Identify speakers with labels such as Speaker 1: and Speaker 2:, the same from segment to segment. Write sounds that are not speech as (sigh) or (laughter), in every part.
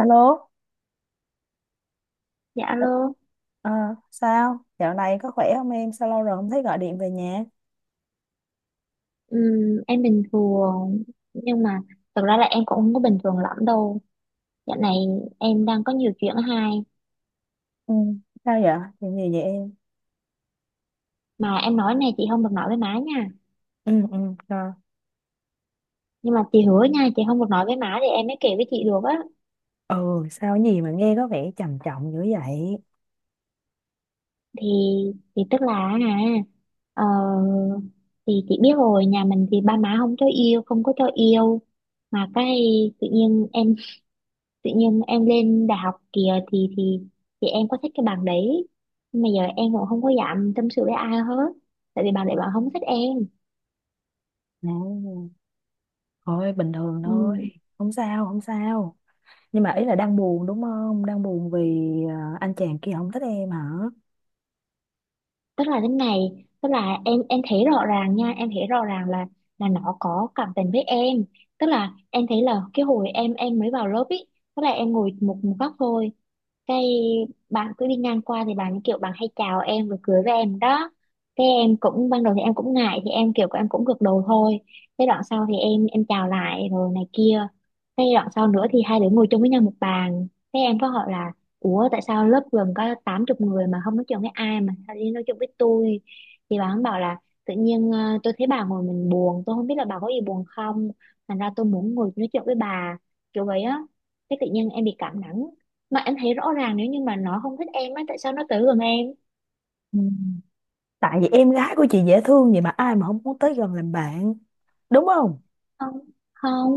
Speaker 1: Alo.
Speaker 2: Dạ luôn
Speaker 1: Ờ, sao? Dạo này có khỏe không em? Sao lâu rồi không thấy gọi điện về nhà?
Speaker 2: em bình thường nhưng mà thực ra là em cũng không có bình thường lắm đâu. Dạo này em đang có nhiều chuyện hay
Speaker 1: Ừ, sao vậy? Chuyện gì vậy em?
Speaker 2: mà em nói này chị không được nói với má nha.
Speaker 1: Ừ, ừ, sao?
Speaker 2: Nhưng mà chị hứa nha, chị không được nói với má thì em mới kể với chị được á.
Speaker 1: Ừ, sao, cái gì mà nghe có vẻ trầm trọng dữ vậy?
Speaker 2: Thì thì tức là ờ, thì chị biết rồi, nhà mình thì ba má không cho yêu, không có cho yêu mà cái tự nhiên em, tự nhiên em lên đại học kìa thì thì em có thích cái bằng đấy. Nhưng mà giờ em cũng không có dám tâm sự với ai hết tại vì bạn đấy bạn không thích em.
Speaker 1: À, thôi bình thường
Speaker 2: Ừ.
Speaker 1: thôi. Không sao, không sao. Nhưng mà ý là đang buồn đúng không? Đang buồn vì anh chàng kia không thích em hả?
Speaker 2: Tức là thế này, tức là em thấy rõ ràng nha, em thấy rõ ràng là nó có cảm tình với em. Tức là em thấy là cái hồi em mới vào lớp ý, tức là em ngồi một một góc thôi, cái bạn cứ đi ngang qua thì bạn kiểu bạn hay chào em rồi cười với em đó. Cái em cũng ban đầu thì em cũng ngại thì em kiểu em cũng gật đầu thôi. Cái đoạn sau thì em chào lại rồi này kia. Cái đoạn sau nữa thì hai đứa ngồi chung với nhau một bàn. Cái em có hỏi là ủa tại sao lớp gần có tám chục người mà không nói chuyện với ai mà sao đi nói chuyện với tôi. Thì bà bạn bảo là tự nhiên tôi thấy bà ngồi mình buồn, tôi không biết là bà có gì buồn không, thành ra tôi muốn ngồi nói chuyện với bà, kiểu vậy á. Cái tự nhiên em bị cảm nắng mà em thấy rõ ràng nếu như mà nó không thích em á tại sao nó tới gần em.
Speaker 1: Ừ. Tại vì em gái của chị dễ thương vậy mà ai mà không muốn tới gần làm bạn, đúng không?
Speaker 2: Không, không,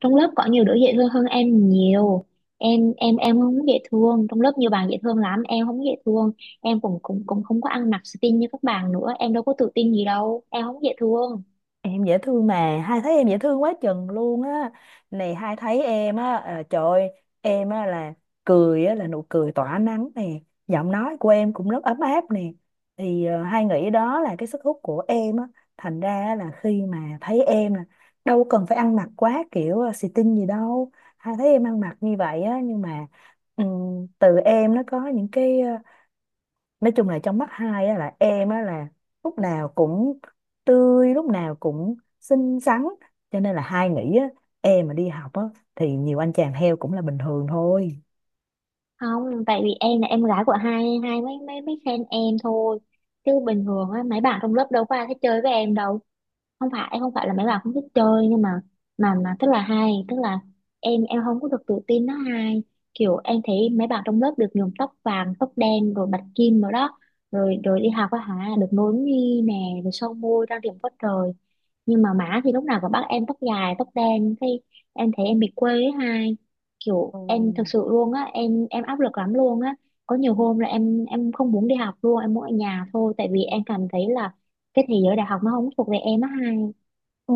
Speaker 2: trong lớp có nhiều đứa dễ thương hơn em nhiều. Em không dễ thương, trong lớp nhiều bạn dễ thương lắm, em không dễ thương. Em cũng cũng cũng không có ăn mặc xinh như các bạn nữa, em đâu có tự tin gì đâu, em không dễ thương.
Speaker 1: Em dễ thương mà, hai thấy em dễ thương quá chừng luôn á. Này hai thấy em á, trời ơi, em á là cười á, là nụ cười tỏa nắng nè, giọng nói của em cũng rất ấm áp nè. Thì hai nghĩ đó là cái sức hút của em á, thành ra á là khi mà thấy em là đâu cần phải ăn mặc quá kiểu xì tin gì đâu. Hai thấy em ăn mặc như vậy á, nhưng mà từ em nó có những cái nói chung là trong mắt hai á, là em á, là lúc nào cũng tươi, lúc nào cũng xinh xắn, cho nên là hai nghĩ á, em mà đi học á, thì nhiều anh chàng heo cũng là bình thường thôi.
Speaker 2: Không, tại vì em là em gái của hai, hai mấy mấy mấy fan em thôi chứ bình thường á mấy bạn trong lớp đâu có ai thích chơi với em đâu. Không phải em, không phải là mấy bạn không thích chơi nhưng mà mà tức là hay tức là em không có được tự tin nó hay. Kiểu em thấy mấy bạn trong lớp được nhuộm tóc vàng tóc đen rồi bạch kim rồi đó, rồi rồi đi học á hả được nối mi nè rồi son môi trang điểm quá trời. Nhưng mà má thì lúc nào cũng bắt em tóc dài tóc đen, cái em thấy em bị quê ấy hai. Kiểu
Speaker 1: Ừ.
Speaker 2: em thực sự luôn á, em áp lực lắm luôn á. Có nhiều hôm là em không muốn đi học luôn, em muốn ở nhà thôi tại vì em cảm thấy là cái thế giới đại học nó không thuộc về em á hai.
Speaker 1: Ừ.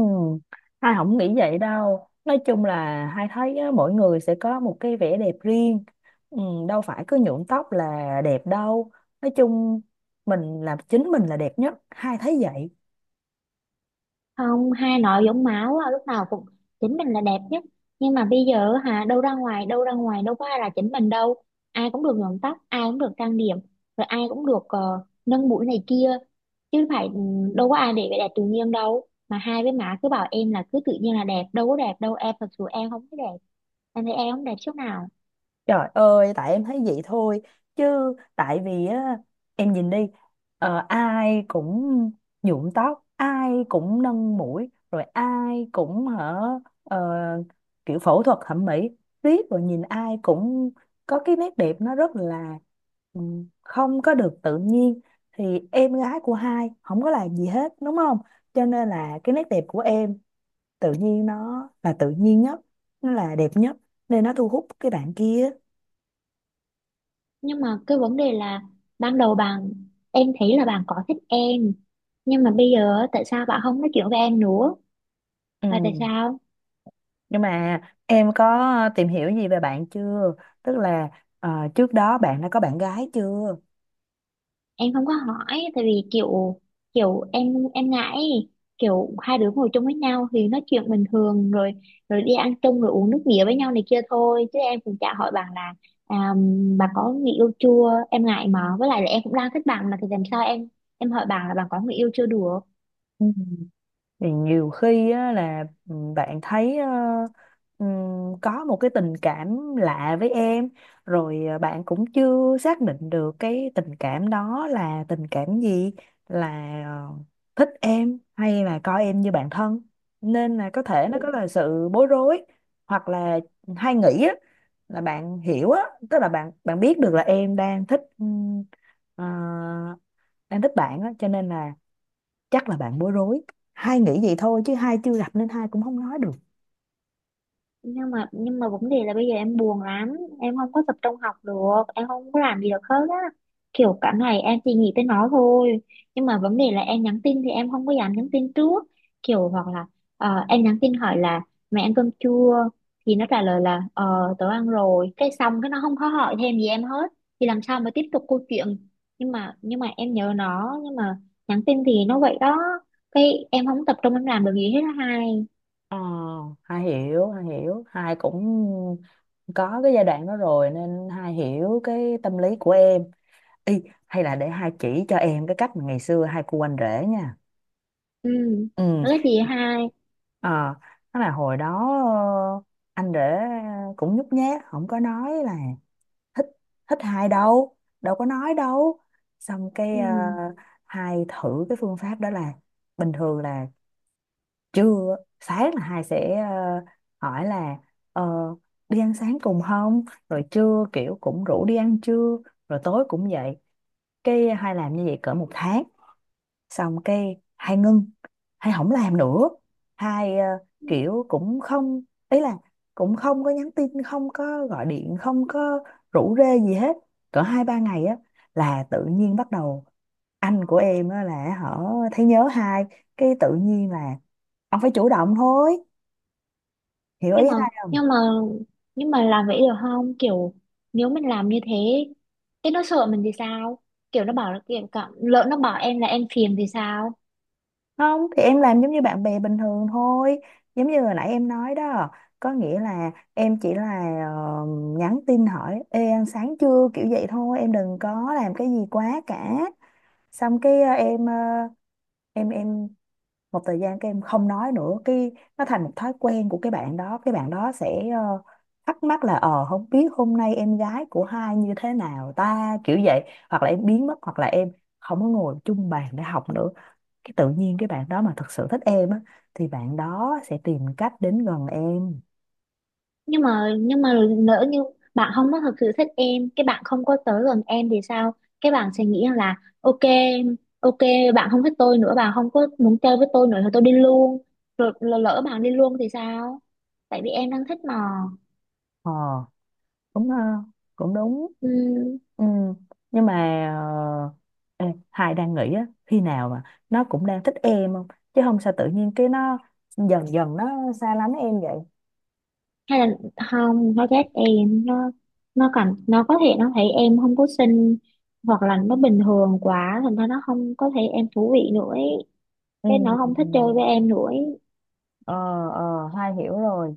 Speaker 1: Hai không nghĩ vậy đâu, nói chung là hai thấy á, mỗi người sẽ có một cái vẻ đẹp riêng. Ừ. Đâu phải cứ nhuộm tóc là đẹp đâu. Nói chung mình làm chính mình là đẹp nhất, hai thấy vậy.
Speaker 2: Không, hai nội giống máu á, lúc nào cũng chính mình là đẹp nhất. Nhưng mà bây giờ hả đâu, ra ngoài đâu, ra ngoài đâu có ai là chính mình đâu. Ai cũng được nhuộm tóc, ai cũng được trang điểm, rồi ai cũng được nâng mũi này kia chứ phải đâu có ai để vẻ đẹp tự nhiên đâu, mà hai với má cứ bảo em là cứ tự nhiên là đẹp, đâu có đẹp đâu, em thật sự em không có đẹp. Em thấy em không đẹp chút nào.
Speaker 1: Trời ơi, tại em thấy vậy thôi. Chứ tại vì á, em nhìn đi, ai cũng nhuộm tóc, ai cũng nâng mũi, rồi ai cũng hở ờ, kiểu phẫu thuật thẩm mỹ. Riết rồi nhìn ai cũng có cái nét đẹp nó rất là ừ, không có được tự nhiên. Thì em gái của hai không có làm gì hết, đúng không? Cho nên là cái nét đẹp của em tự nhiên nó là tự nhiên nhất, nó là đẹp nhất. Nên nó thu hút cái bạn kia.
Speaker 2: Nhưng mà cái vấn đề là ban đầu bạn, em thấy là bạn có thích em, nhưng mà bây giờ á, tại sao bạn không nói chuyện với em nữa, là tại
Speaker 1: Ừ.
Speaker 2: sao.
Speaker 1: Nhưng mà em có tìm hiểu gì về bạn chưa? Tức là ờ, trước đó bạn đã có bạn gái chưa?
Speaker 2: Em không có hỏi tại vì kiểu kiểu em ngại ấy. Kiểu hai đứa ngồi chung với nhau thì nói chuyện bình thường rồi, rồi đi ăn chung rồi uống nước bia với nhau này kia thôi chứ em cũng chả hỏi bạn là à, bà có người yêu chưa, em ngại mà với lại là em cũng đang thích bạn mà thì làm sao em hỏi bạn là bạn có người yêu chưa được.
Speaker 1: Thì nhiều khi á, là bạn thấy có một cái tình cảm lạ với em, rồi bạn cũng chưa xác định được cái tình cảm đó là tình cảm gì, là ờ, thích em hay là coi em như bạn thân, nên là có thể nó có là sự bối rối, hoặc là hay nghĩ á, là bạn hiểu á, tức là bạn bạn biết được là em đang thích ờ, đang thích bạn á, cho nên là chắc là bạn bối rối. Hai nghĩ vậy thôi chứ hai chưa gặp nên hai cũng không nói được.
Speaker 2: Nhưng mà vấn đề là bây giờ em buồn lắm, em không có tập trung học được, em không có làm gì được hết á. Kiểu cả ngày em chỉ nghĩ tới nó thôi. Nhưng mà vấn đề là em nhắn tin thì em không có dám nhắn tin trước. Kiểu hoặc là em nhắn tin hỏi là mẹ ăn cơm chưa, thì nó trả lời là ờ tớ ăn rồi cái xong cái nó không có hỏi thêm gì em hết, thì làm sao mà tiếp tục câu chuyện. Nhưng mà em nhớ nó nhưng mà nhắn tin thì nó vậy đó. Cái em không tập trung em làm được gì hết á hai.
Speaker 1: Ờ, hai hiểu, hai hiểu, hai cũng có cái giai đoạn đó rồi nên hai hiểu cái tâm lý của em. Ý, hay là để hai chỉ cho em cái cách mà ngày xưa hai cu anh rể nha.
Speaker 2: Ừ,
Speaker 1: Ừ.
Speaker 2: đó là gì hai?
Speaker 1: Ờ, đó là hồi đó anh rể cũng nhút nhát, không có nói là thích thích hai đâu, đâu có nói đâu. Xong cái
Speaker 2: Ừ.
Speaker 1: hai thử cái phương pháp đó là bình thường là trưa sáng là hai sẽ hỏi là ờ, đi ăn sáng cùng không, rồi trưa kiểu cũng rủ đi ăn trưa, rồi tối cũng vậy. Cái hai làm như vậy cỡ một tháng, xong cái hai ngưng, hai không làm nữa, hai kiểu cũng không, ý là cũng không có nhắn tin, không có gọi điện, không có rủ rê gì hết. Cỡ 2-3 ngày á là tự nhiên bắt đầu anh của em á là họ thấy nhớ hai, cái tự nhiên là ông phải chủ động thôi. Hiểu ý
Speaker 2: Nhưng mà
Speaker 1: hai?
Speaker 2: nhưng mà nhưng mà làm vậy được không, kiểu nếu mình làm như thế thế nó sợ mình thì sao. Kiểu nó bảo là kiểu cả, lỡ nó bảo em là em phiền thì sao.
Speaker 1: Không thì em làm giống như bạn bè bình thường thôi. Giống như hồi nãy em nói đó. Có nghĩa là em chỉ là nhắn tin hỏi ê ăn sáng chưa kiểu vậy thôi. Em đừng có làm cái gì quá cả. Xong cái em một thời gian các em không nói nữa, cái nó thành một thói quen của cái bạn đó. Cái bạn đó sẽ thắc mắc là không biết hôm nay em gái của hai như thế nào ta, kiểu vậy. Hoặc là em biến mất, hoặc là em không có ngồi chung bàn để học nữa. Cái tự nhiên cái bạn đó mà thật sự thích em á thì bạn đó sẽ tìm cách đến gần em.
Speaker 2: Nhưng mà lỡ như bạn không có thực sự thích em, cái bạn không có tới gần em thì sao. Cái bạn sẽ nghĩ là ok, ok, bạn không thích tôi nữa, bạn không có muốn chơi với tôi nữa thì tôi đi luôn. Rồi lỡ lỡ bạn đi luôn thì sao, tại vì em đang thích mà.
Speaker 1: Ờ, đúng ha, cũng đúng.
Speaker 2: Ừ.
Speaker 1: Ừ. Nhưng mà ờ, ê, hai đang nghĩ á khi nào mà nó cũng đang thích em không, chứ không sao tự nhiên cái nó dần dần nó xa lánh em vậy.
Speaker 2: Hay là không nó ghét em, nó cảm, nó có thể nó thấy em không có xinh hoặc là nó bình thường quá thành ra nó không có thấy em thú vị nữa ấy. Cái nó không thích
Speaker 1: Ừ.
Speaker 2: chơi với em nữa ấy.
Speaker 1: ờ ờ, hai hiểu rồi,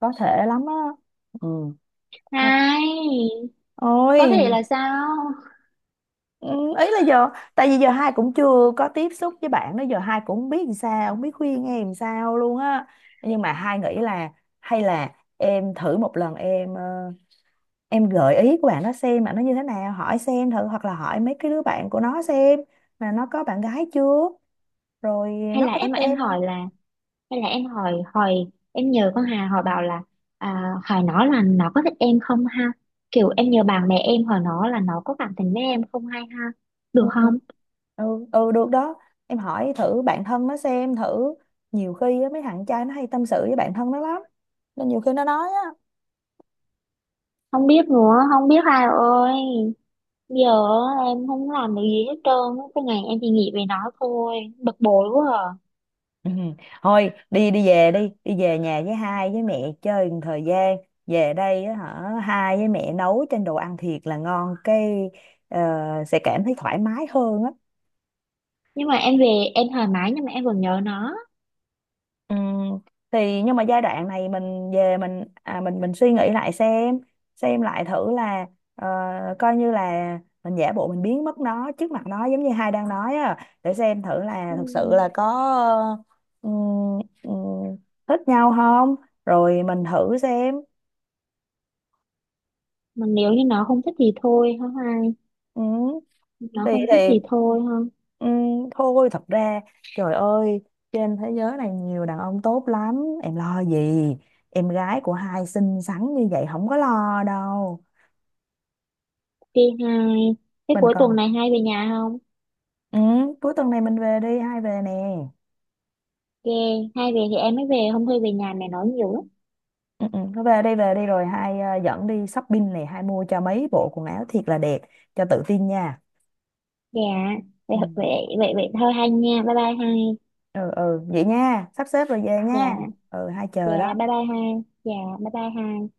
Speaker 1: có thể lắm á. Ừ. Hai-
Speaker 2: Này, có thể
Speaker 1: Ôi.
Speaker 2: là sao?
Speaker 1: Ừ, ý là giờ tại vì giờ hai cũng chưa có tiếp xúc với bạn đó, giờ hai cũng không biết làm sao, không biết khuyên em làm sao luôn á. Nhưng mà hai nghĩ là hay là em thử một lần, em gợi ý của bạn nó xem mà nó như thế nào, hỏi xem thử, hoặc là hỏi mấy cái đứa bạn của nó xem là nó có bạn gái chưa, rồi
Speaker 2: Hay
Speaker 1: nó
Speaker 2: là
Speaker 1: có
Speaker 2: em
Speaker 1: thích
Speaker 2: em
Speaker 1: em
Speaker 2: hỏi
Speaker 1: không.
Speaker 2: là, hay là em hỏi hỏi, em nhờ con Hà hỏi bảo là hỏi nó là nó có thích em không ha. Kiểu em nhờ bạn bè em hỏi nó là nó có cảm tình với em không hay ha,
Speaker 1: Ừ,
Speaker 2: được
Speaker 1: ừ,
Speaker 2: không?
Speaker 1: ừ, ừ, được đó. Em hỏi thử bạn thân nó xem thử, nhiều khi á, mấy thằng trai nó hay tâm sự với bạn thân nó lắm, nên nhiều khi nó nói á.
Speaker 2: Không biết nữa, không biết Hà ơi. Giờ á, em không làm được gì hết trơn á. Cái ngày em chỉ nghĩ về nó thôi, bực bội quá à.
Speaker 1: (laughs) Ừ. Thôi đi đi, về đi đi, về nhà với hai với mẹ chơi một thời gian. Về đây á hả, hai với mẹ nấu trên đồ ăn thiệt là ngon, cái ờ, sẽ cảm thấy thoải mái hơn á.
Speaker 2: Nhưng mà em về em thoải mái nhưng mà em vẫn nhớ nó.
Speaker 1: Ừ. Thì nhưng mà giai đoạn này mình về, mình suy nghĩ lại xem lại thử là ờ, coi như là mình giả bộ mình biến mất nó, trước mặt nó, giống như hai đang nói á, để xem thử là
Speaker 2: Ừ,
Speaker 1: thực sự là có ờ, ừ, ừ, thích nhau không, rồi mình thử xem.
Speaker 2: mà nếu như nó không thích thì thôi hả hai?
Speaker 1: Ừ,
Speaker 2: Nó
Speaker 1: thì
Speaker 2: không thích
Speaker 1: thì
Speaker 2: thì thôi không?
Speaker 1: ừ, thôi thật ra, trời ơi, trên thế giới này nhiều đàn ông tốt lắm, em lo gì, em gái của hai xinh xắn như vậy không có lo đâu.
Speaker 2: Đi hai, cái
Speaker 1: Mình
Speaker 2: cuối tuần
Speaker 1: còn
Speaker 2: này hai về nhà không?
Speaker 1: ừ, cuối tuần này mình về, đi hai về nè.
Speaker 2: Ghê, hai về thì em mới về, không thôi về nhà mẹ nói nhiều lắm.
Speaker 1: Ừ, ừ, thôi về đi, về đi, rồi hai dẫn đi shopping này, hai mua cho mấy bộ quần áo thiệt là đẹp, cho tự tin nha.
Speaker 2: Dạ. Vậy
Speaker 1: Ừ,
Speaker 2: vậy. Vậy vậy thôi hai nha, bye bye hai.
Speaker 1: ừ, ừ, vậy nha, sắp xếp rồi về nha.
Speaker 2: Dạ.
Speaker 1: Ừ, hai
Speaker 2: Dạ,
Speaker 1: chờ đó.
Speaker 2: bye bye hai. Dạ, bye bye hai.